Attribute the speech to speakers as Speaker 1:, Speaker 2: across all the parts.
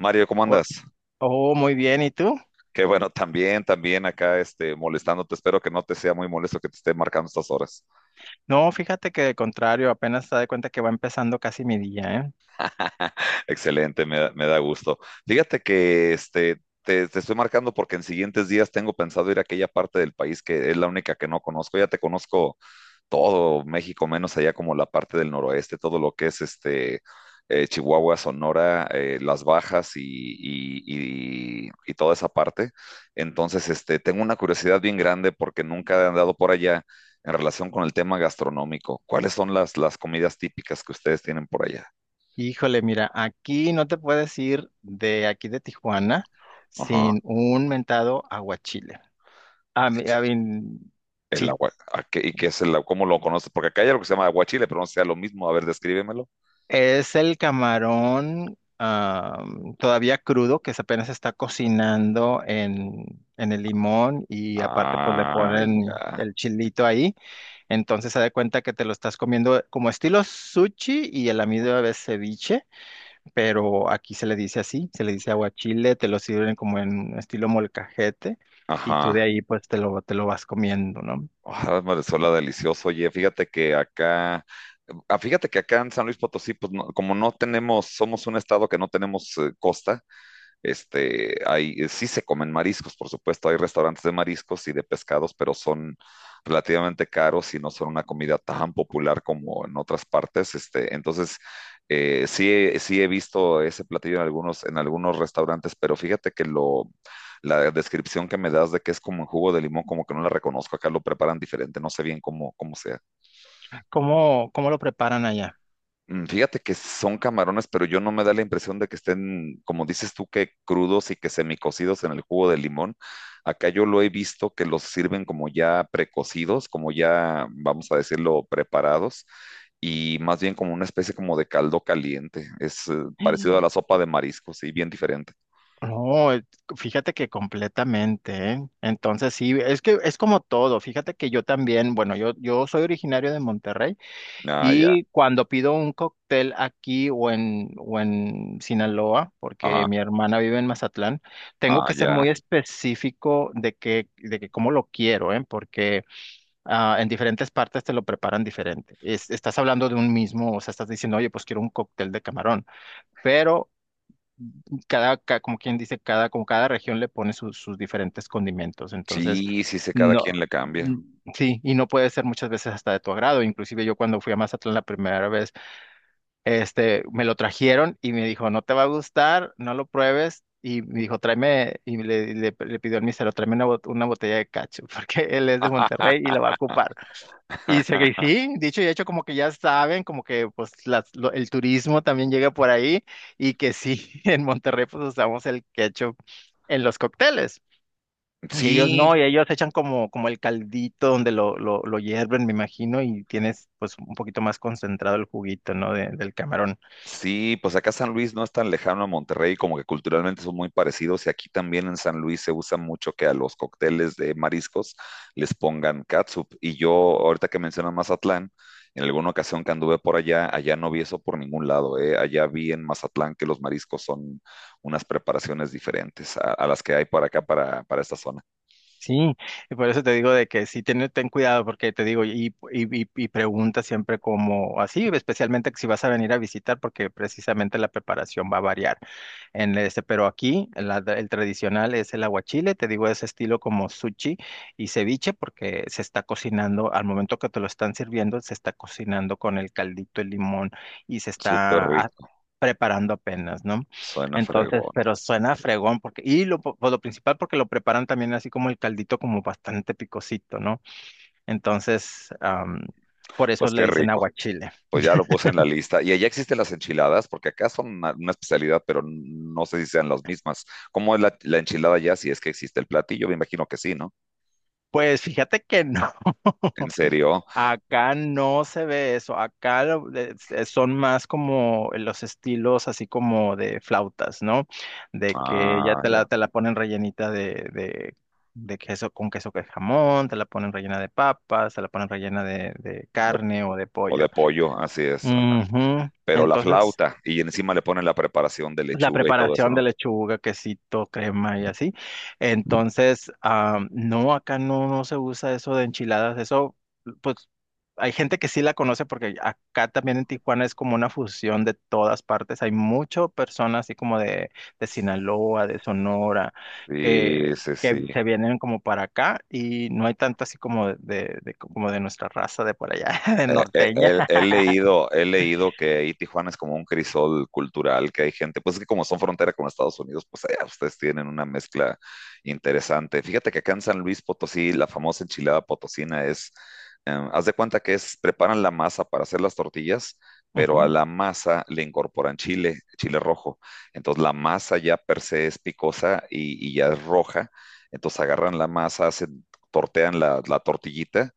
Speaker 1: Mario, ¿cómo
Speaker 2: Oh,
Speaker 1: andas?
Speaker 2: oh, muy bien, ¿y tú?
Speaker 1: Qué bueno, también acá molestándote. Espero que no te sea muy molesto que te esté marcando estas horas.
Speaker 2: No, fíjate que de contrario, apenas te das cuenta que va empezando casi mi día, ¿eh?
Speaker 1: Excelente, me da gusto. Fíjate que te estoy marcando porque en siguientes días tengo pensado ir a aquella parte del país que es la única que no conozco. Ya te conozco todo México, menos allá como la parte del noroeste, todo lo que es Chihuahua, Sonora, Las Bajas y toda esa parte. Entonces, tengo una curiosidad bien grande porque nunca he andado por allá en relación con el tema gastronómico. ¿Cuáles son las comidas típicas que ustedes tienen por allá?
Speaker 2: Híjole, mira, aquí no te puedes ir de aquí de Tijuana
Speaker 1: Ajá.
Speaker 2: sin un mentado aguachile. A mí,
Speaker 1: El
Speaker 2: sí,
Speaker 1: agua, ¿a qué- ¿Y qué es el agua? ¿Cómo lo conoces? Porque acá hay algo que se llama aguachile, pero no sea lo mismo. A ver, descríbemelo.
Speaker 2: es el camarón todavía crudo que se apenas está cocinando en el limón, y aparte pues le
Speaker 1: Ah,
Speaker 2: ponen
Speaker 1: ya.
Speaker 2: el chilito ahí. Entonces se da cuenta que te lo estás comiendo como estilo sushi y el amigo de ceviche, pero aquí se le dice así, se le dice aguachile, te lo sirven como en estilo molcajete y tú
Speaker 1: Ajá.
Speaker 2: de ahí pues te lo vas comiendo, ¿no?
Speaker 1: Ah, Marisol, delicioso. Oye, fíjate que acá en San Luis Potosí, pues como no tenemos, somos un estado que no tenemos costa, sí se comen mariscos, por supuesto, hay restaurantes de mariscos y de pescados, pero son relativamente caros y no son una comida tan popular como en otras partes. Entonces, sí, sí he visto ese platillo en algunos restaurantes, pero fíjate que la descripción que me das de que es como un jugo de limón, como que no la reconozco, acá lo preparan diferente, no sé bien cómo se.
Speaker 2: ¿Cómo, cómo lo preparan allá?
Speaker 1: Fíjate que son camarones, pero yo no me da la impresión de que estén, como dices tú, que crudos y que semicocidos en el jugo de limón. Acá yo lo he visto que los sirven como ya precocidos, como ya, vamos a decirlo, preparados, y más bien como una especie como de caldo caliente. Es parecido a la sopa de mariscos, sí, bien diferente.
Speaker 2: No, fíjate que completamente, ¿eh? Entonces sí, es que es como todo. Fíjate que yo también, bueno, yo soy originario de Monterrey,
Speaker 1: Ah, ya,
Speaker 2: y cuando pido un cóctel aquí o en Sinaloa,
Speaker 1: ajá,
Speaker 2: porque mi hermana vive en Mazatlán, tengo
Speaker 1: ah,
Speaker 2: que ser
Speaker 1: ya.
Speaker 2: muy específico de que cómo lo quiero, ¿eh? Porque en diferentes partes te lo preparan diferente. Estás hablando de un mismo, o sea, estás diciendo, oye, pues quiero un cóctel de camarón. Pero cada, como quien dice, cada, como cada región le pone sus diferentes condimentos. Entonces,
Speaker 1: Sí, sí sé, cada
Speaker 2: no,
Speaker 1: quien le
Speaker 2: mm,
Speaker 1: cambia.
Speaker 2: sí, y no puede ser muchas veces hasta de tu agrado. Inclusive yo cuando fui a Mazatlán la primera vez, este, me lo trajeron y me dijo, no te va a gustar, no lo pruebes. Y me dijo, tráeme, y le pidió al mesero, tráeme una, una botella de cacho, porque él es de Monterrey y la va a ocupar. Y se que sí, dicho y hecho, como que ya saben, como que pues el turismo también llega por ahí y que sí, en Monterrey pues usamos el ketchup en los cócteles. Y ellos
Speaker 1: Sí,
Speaker 2: no, y ellos echan como, como el caldito donde lo, lo hierven, me imagino, y tienes pues un poquito más concentrado el juguito, ¿no? Del camarón.
Speaker 1: sí, pues acá San Luis no es tan lejano a Monterrey, como que culturalmente son muy parecidos y aquí también en San Luis se usa mucho que a los cócteles de mariscos les pongan catsup. Y yo, ahorita que mencionas Mazatlán, en alguna ocasión que anduve por allá, allá no vi eso por ningún lado, ¿eh? Allá vi en Mazatlán que los mariscos son unas preparaciones diferentes a las que hay por acá para esta zona.
Speaker 2: Sí, y por eso te digo de que sí, ten, ten cuidado, porque te digo, y pregunta siempre como así, especialmente que si vas a venir a visitar, porque precisamente la preparación va a variar. Pero aquí el tradicional es el aguachile, te digo, ese estilo como sushi y ceviche, porque se está cocinando, al momento que te lo están sirviendo, se está cocinando con el caldito, el limón, y se
Speaker 1: Súper
Speaker 2: está
Speaker 1: rico,
Speaker 2: preparando apenas, ¿no?
Speaker 1: suena
Speaker 2: Entonces,
Speaker 1: fregón.
Speaker 2: pero suena fregón, porque, y lo, pues, lo principal porque lo preparan también así como el caldito, como bastante picosito, ¿no? Entonces, por eso
Speaker 1: Pues
Speaker 2: le
Speaker 1: qué
Speaker 2: dicen
Speaker 1: rico.
Speaker 2: aguachile.
Speaker 1: Pues ya lo puse en la lista. Y allá existen las enchiladas, porque acá son una especialidad, pero no sé si sean las mismas. ¿Cómo es la enchilada allá? Si es que existe el platillo, me imagino que sí, ¿no?
Speaker 2: Pues fíjate que no.
Speaker 1: ¿En serio?
Speaker 2: Acá no se ve eso, acá son más como los estilos así como de flautas, ¿no? De que ya
Speaker 1: Ah, ya.
Speaker 2: te la ponen rellenita de, de queso con queso que jamón, te la ponen rellena de papas, te la ponen rellena de
Speaker 1: De-
Speaker 2: carne o de
Speaker 1: o
Speaker 2: pollo.
Speaker 1: de pollo, así es. Ajá.
Speaker 2: Ujú.
Speaker 1: Pero la
Speaker 2: Entonces
Speaker 1: flauta, y encima le ponen la preparación de
Speaker 2: la
Speaker 1: lechuga y todo eso,
Speaker 2: preparación
Speaker 1: ¿no?
Speaker 2: de lechuga, quesito, crema y así. Entonces, ah, no, acá no, no se usa eso de enchiladas. Eso, pues, hay gente que sí la conoce porque acá también en Tijuana es como una fusión de todas partes. Hay muchas personas así como de Sinaloa, de Sonora,
Speaker 1: Sí, sí,
Speaker 2: que
Speaker 1: sí.
Speaker 2: se vienen como para acá y no hay tanto así como de como de nuestra raza de por allá, de norteña.
Speaker 1: He leído que ahí Tijuana es como un crisol cultural, que hay gente, pues que como son frontera con Estados Unidos, pues allá ustedes tienen una mezcla interesante. Fíjate que acá en San Luis Potosí, la famosa enchilada potosina es, haz de cuenta que preparan la masa para hacer las tortillas, pero a
Speaker 2: Ujú,
Speaker 1: la masa le incorporan chile, chile rojo. Entonces la masa ya per se es picosa y ya es roja. Entonces agarran la masa, tortean la tortillita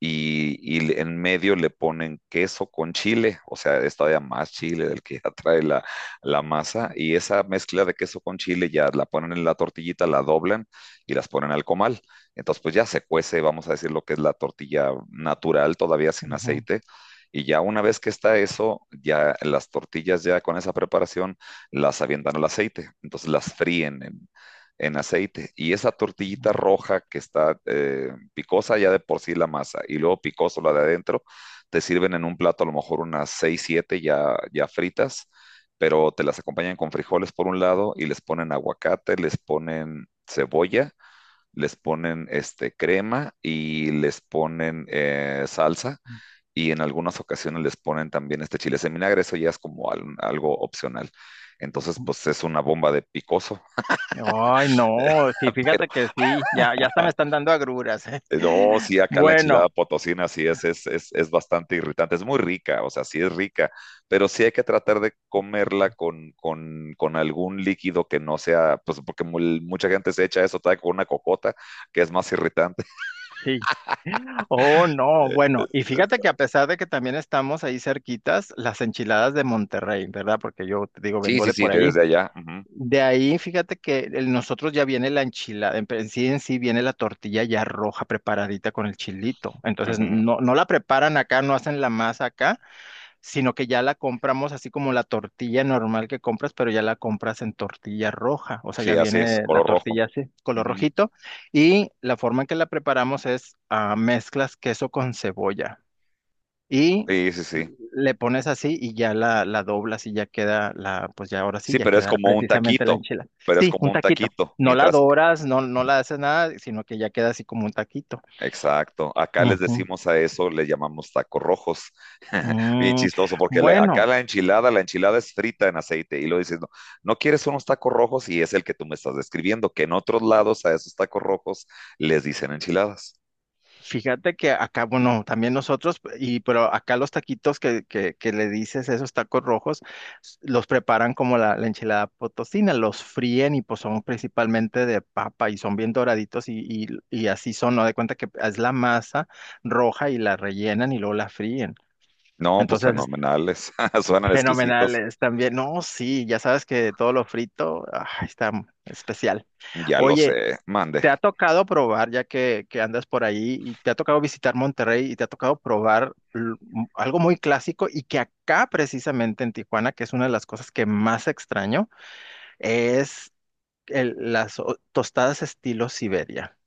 Speaker 1: y, y en medio le ponen queso con chile, o sea, es todavía más chile del que ya trae la masa, y esa mezcla de queso con chile ya la ponen en la tortillita, la doblan y las ponen al comal. Entonces, pues ya se cuece, vamos a decir, lo que es la tortilla natural, todavía sin aceite. Y ya una vez que está eso, ya las tortillas ya con esa preparación las avientan al aceite. Entonces las fríen en aceite. Y esa tortillita roja que está picosa ya de por sí la masa y luego picoso la de adentro, te sirven en un plato a lo mejor unas 6 7 ya fritas, pero te las acompañan con frijoles por un lado y les ponen aguacate, les ponen cebolla, les ponen crema y les ponen salsa. Y en algunas ocasiones les ponen también este chile en vinagre, eso ya es como algo opcional. Entonces,
Speaker 2: ujú.
Speaker 1: pues es una bomba de picoso,
Speaker 2: Ay, no, sí,
Speaker 1: pero
Speaker 2: fíjate que sí, ya, ya hasta me están dando agruras.
Speaker 1: No, sí, acá la enchilada
Speaker 2: Bueno,
Speaker 1: potosina sí es bastante irritante, es muy rica, o sea, sí es rica, pero sí hay que tratar de comerla con algún líquido que no sea, pues porque mucha gente se echa eso todavía con una cocota, que es más irritante.
Speaker 2: sí. Oh, no, bueno, y fíjate que a pesar de que también estamos ahí cerquitas, las enchiladas de Monterrey, ¿verdad? Porque yo te digo,
Speaker 1: Sí,
Speaker 2: vengo
Speaker 1: sí,
Speaker 2: de
Speaker 1: sí,
Speaker 2: por ahí.
Speaker 1: desde allá.
Speaker 2: De ahí, fíjate que nosotros ya viene la enchilada, en sí viene la tortilla ya roja preparadita con el chilito.
Speaker 1: Ujú,
Speaker 2: Entonces,
Speaker 1: ujú,
Speaker 2: no, no la preparan acá, no hacen la masa acá, sino que ya la compramos así como la tortilla normal que compras, pero ya la compras en tortilla roja, o sea, ya
Speaker 1: sí, así es,
Speaker 2: viene la
Speaker 1: color rojo.
Speaker 2: tortilla así, color
Speaker 1: Ujú,
Speaker 2: rojito, y la forma en que la preparamos es ah, mezclas queso con cebolla y
Speaker 1: sí, sí, sí.
Speaker 2: le pones así y ya la doblas y ya queda la, pues ya ahora sí,
Speaker 1: Sí,
Speaker 2: ya
Speaker 1: pero es
Speaker 2: queda
Speaker 1: como un
Speaker 2: precisamente la
Speaker 1: taquito,
Speaker 2: enchilada.
Speaker 1: pero es
Speaker 2: Sí,
Speaker 1: como
Speaker 2: un
Speaker 1: un
Speaker 2: taquito.
Speaker 1: taquito,
Speaker 2: No la
Speaker 1: mientras,
Speaker 2: doras, no, no la haces nada, sino que ya queda así como un taquito.
Speaker 1: exacto, acá les
Speaker 2: Ujú.
Speaker 1: decimos a eso, le llamamos tacos rojos. Bien
Speaker 2: Mm,
Speaker 1: chistoso, porque acá
Speaker 2: bueno,
Speaker 1: la enchilada es frita en aceite, y lo dices, no, no quieres unos tacos rojos, y es el que tú me estás describiendo, que en otros lados a esos tacos rojos les dicen enchiladas.
Speaker 2: fíjate que acá, bueno, también nosotros, y pero acá los taquitos que le dices, esos tacos rojos, los preparan como la enchilada potosina, los fríen y pues son principalmente de papa y son bien doraditos y así son, ¿no? De cuenta que es la masa roja y la rellenan y luego la fríen.
Speaker 1: No, pues
Speaker 2: Entonces,
Speaker 1: fenomenales, suenan exquisitos,
Speaker 2: fenomenales también, no, sí, ya sabes que todo lo frito, ah, está especial.
Speaker 1: ya lo
Speaker 2: Oye,
Speaker 1: sé, mande.
Speaker 2: ¿te ha tocado probar, ya que andas por ahí, y te ha tocado visitar Monterrey y te ha tocado probar algo muy clásico y que acá precisamente en Tijuana, que es una de las cosas que más extraño, es las tostadas estilo Siberia?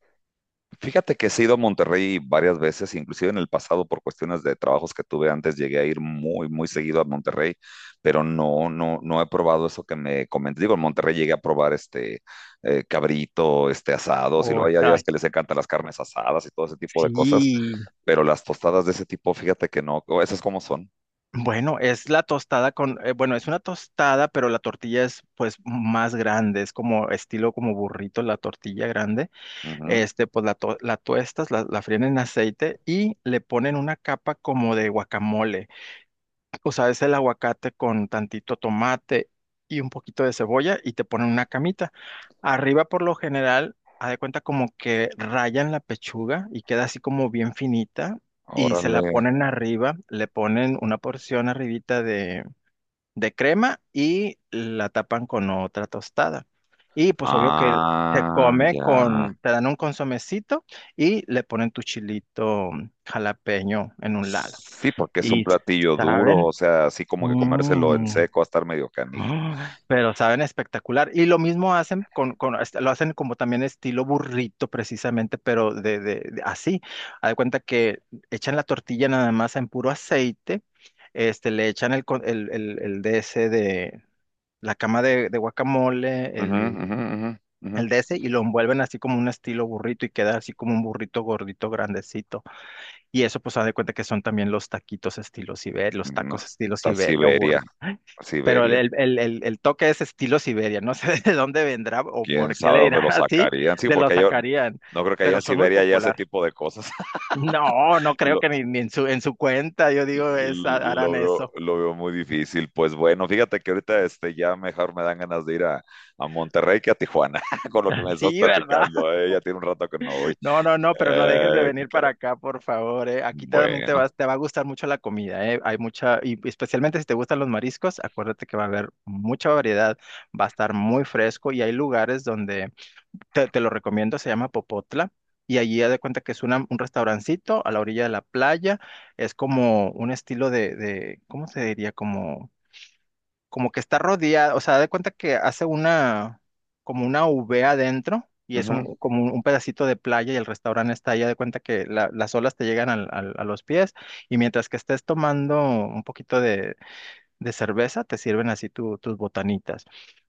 Speaker 1: Fíjate que sí he ido a Monterrey varias veces, inclusive en el pasado por cuestiones de trabajos que tuve antes, llegué a ir muy, muy seguido a Monterrey, pero no, no, no he probado eso que me comenté. Digo, en Monterrey llegué a probar cabrito, asados, y luego
Speaker 2: Uy,
Speaker 1: allá ya ves
Speaker 2: ay,
Speaker 1: que les encantan las carnes asadas y todo ese tipo de cosas,
Speaker 2: sí,
Speaker 1: pero las tostadas de ese tipo, fíjate que no, o esas como son.
Speaker 2: bueno, es la tostada con, bueno, es una tostada, pero la tortilla es pues más grande, es como estilo como burrito la tortilla grande.
Speaker 1: Ujú,
Speaker 2: Este, pues la, la tuestas, la fríen en aceite y le ponen una capa como de guacamole. O sea, es el aguacate con tantito tomate y un poquito de cebolla y te ponen una camita. Arriba, por lo general, haz de cuenta como que rayan la pechuga y queda así como bien finita y se la
Speaker 1: órale.
Speaker 2: ponen arriba, le ponen una porción arribita de crema y la tapan con otra tostada. Y pues obvio que se
Speaker 1: Ah,
Speaker 2: come
Speaker 1: ya.
Speaker 2: con, te dan un consomecito y le ponen tu chilito jalapeño en un lado.
Speaker 1: Sí, porque es un
Speaker 2: Y
Speaker 1: platillo duro,
Speaker 2: saben,
Speaker 1: o sea, así como que comérselo en
Speaker 2: mm,
Speaker 1: seco va a estar medio canijo.
Speaker 2: pero saben espectacular. Y lo mismo hacen con, lo hacen como también estilo burrito precisamente, pero así. Haz de cuenta que echan la tortilla nada más en puro aceite. Este, le echan el, el de ese de, la cama de guacamole,
Speaker 1: Ujú, ujú,
Speaker 2: el,
Speaker 1: ujú, ujú.
Speaker 2: el de ese, y lo envuelven así como un estilo burrito y queda así como un burrito gordito, grandecito. Y eso pues haz de cuenta que son también los taquitos estilo Siberia, los
Speaker 1: No,
Speaker 2: tacos estilo
Speaker 1: está
Speaker 2: Siberia o
Speaker 1: Siberia,
Speaker 2: burrito. Pero el,
Speaker 1: Siberia.
Speaker 2: el, el, el- el toque es estilo Siberia, no sé de dónde vendrá o
Speaker 1: ¿Quién
Speaker 2: por qué
Speaker 1: sabe
Speaker 2: le
Speaker 1: dónde lo
Speaker 2: dirán así,
Speaker 1: sacarían? Sí,
Speaker 2: de lo
Speaker 1: porque yo
Speaker 2: sacarían,
Speaker 1: no creo que haya en
Speaker 2: pero son muy
Speaker 1: Siberia ya ese
Speaker 2: popular.
Speaker 1: tipo de cosas.
Speaker 2: No, no creo
Speaker 1: Lo,
Speaker 2: que ni en su cuenta, yo digo, es, harán
Speaker 1: lo veo,
Speaker 2: eso.
Speaker 1: lo veo muy difícil. Pues bueno, fíjate que ahorita ya mejor me dan ganas de ir a Monterrey que a Tijuana, con lo que me estás
Speaker 2: Sí, ¿verdad?
Speaker 1: platicando. Ya tiene un rato que no voy.
Speaker 2: No, no, no, pero no dejes de
Speaker 1: ¿Qué
Speaker 2: venir
Speaker 1: quiere?
Speaker 2: para acá, por favor, eh. Aquí también te
Speaker 1: Bueno,
Speaker 2: vas, te va a gustar mucho la comida, eh. Hay mucha, y especialmente si te gustan los mariscos, acuérdate que va a haber mucha variedad, va a estar muy fresco y hay lugares donde te lo recomiendo, se llama Popotla. Y allí haz de cuenta que es un restaurancito a la orilla de la playa. Es como un estilo ¿cómo se diría? Como como que está rodeada, o sea, de cuenta que hace una, como una V adentro y es
Speaker 1: ujú,
Speaker 2: un, como un pedacito de playa y el restaurante está allá, de cuenta que las olas te llegan a los pies y mientras que estés tomando un poquito de cerveza, te sirven así tus botanitas.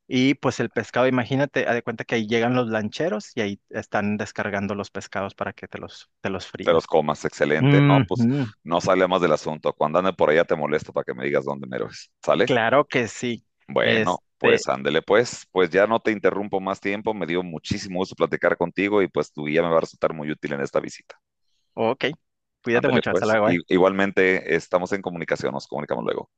Speaker 2: Y pues el pescado, imagínate, haz de cuenta que ahí llegan los lancheros y ahí están descargando los pescados para que te los
Speaker 1: te
Speaker 2: fríen.
Speaker 1: los comas, excelente. No, pues
Speaker 2: Ujú,
Speaker 1: no sale más del asunto. Cuando ande por allá te molesto para que me digas dónde mero es. ¿Sale?
Speaker 2: claro que sí.
Speaker 1: Bueno,
Speaker 2: Este,
Speaker 1: pues ándele pues ya no te interrumpo más tiempo, me dio muchísimo gusto platicar contigo y pues tu guía me va a resultar muy útil en esta visita.
Speaker 2: ok, cuídate
Speaker 1: Ándele
Speaker 2: mucho, hasta
Speaker 1: pues,
Speaker 2: luego. ¿Eh?
Speaker 1: igualmente estamos en comunicación, nos comunicamos luego.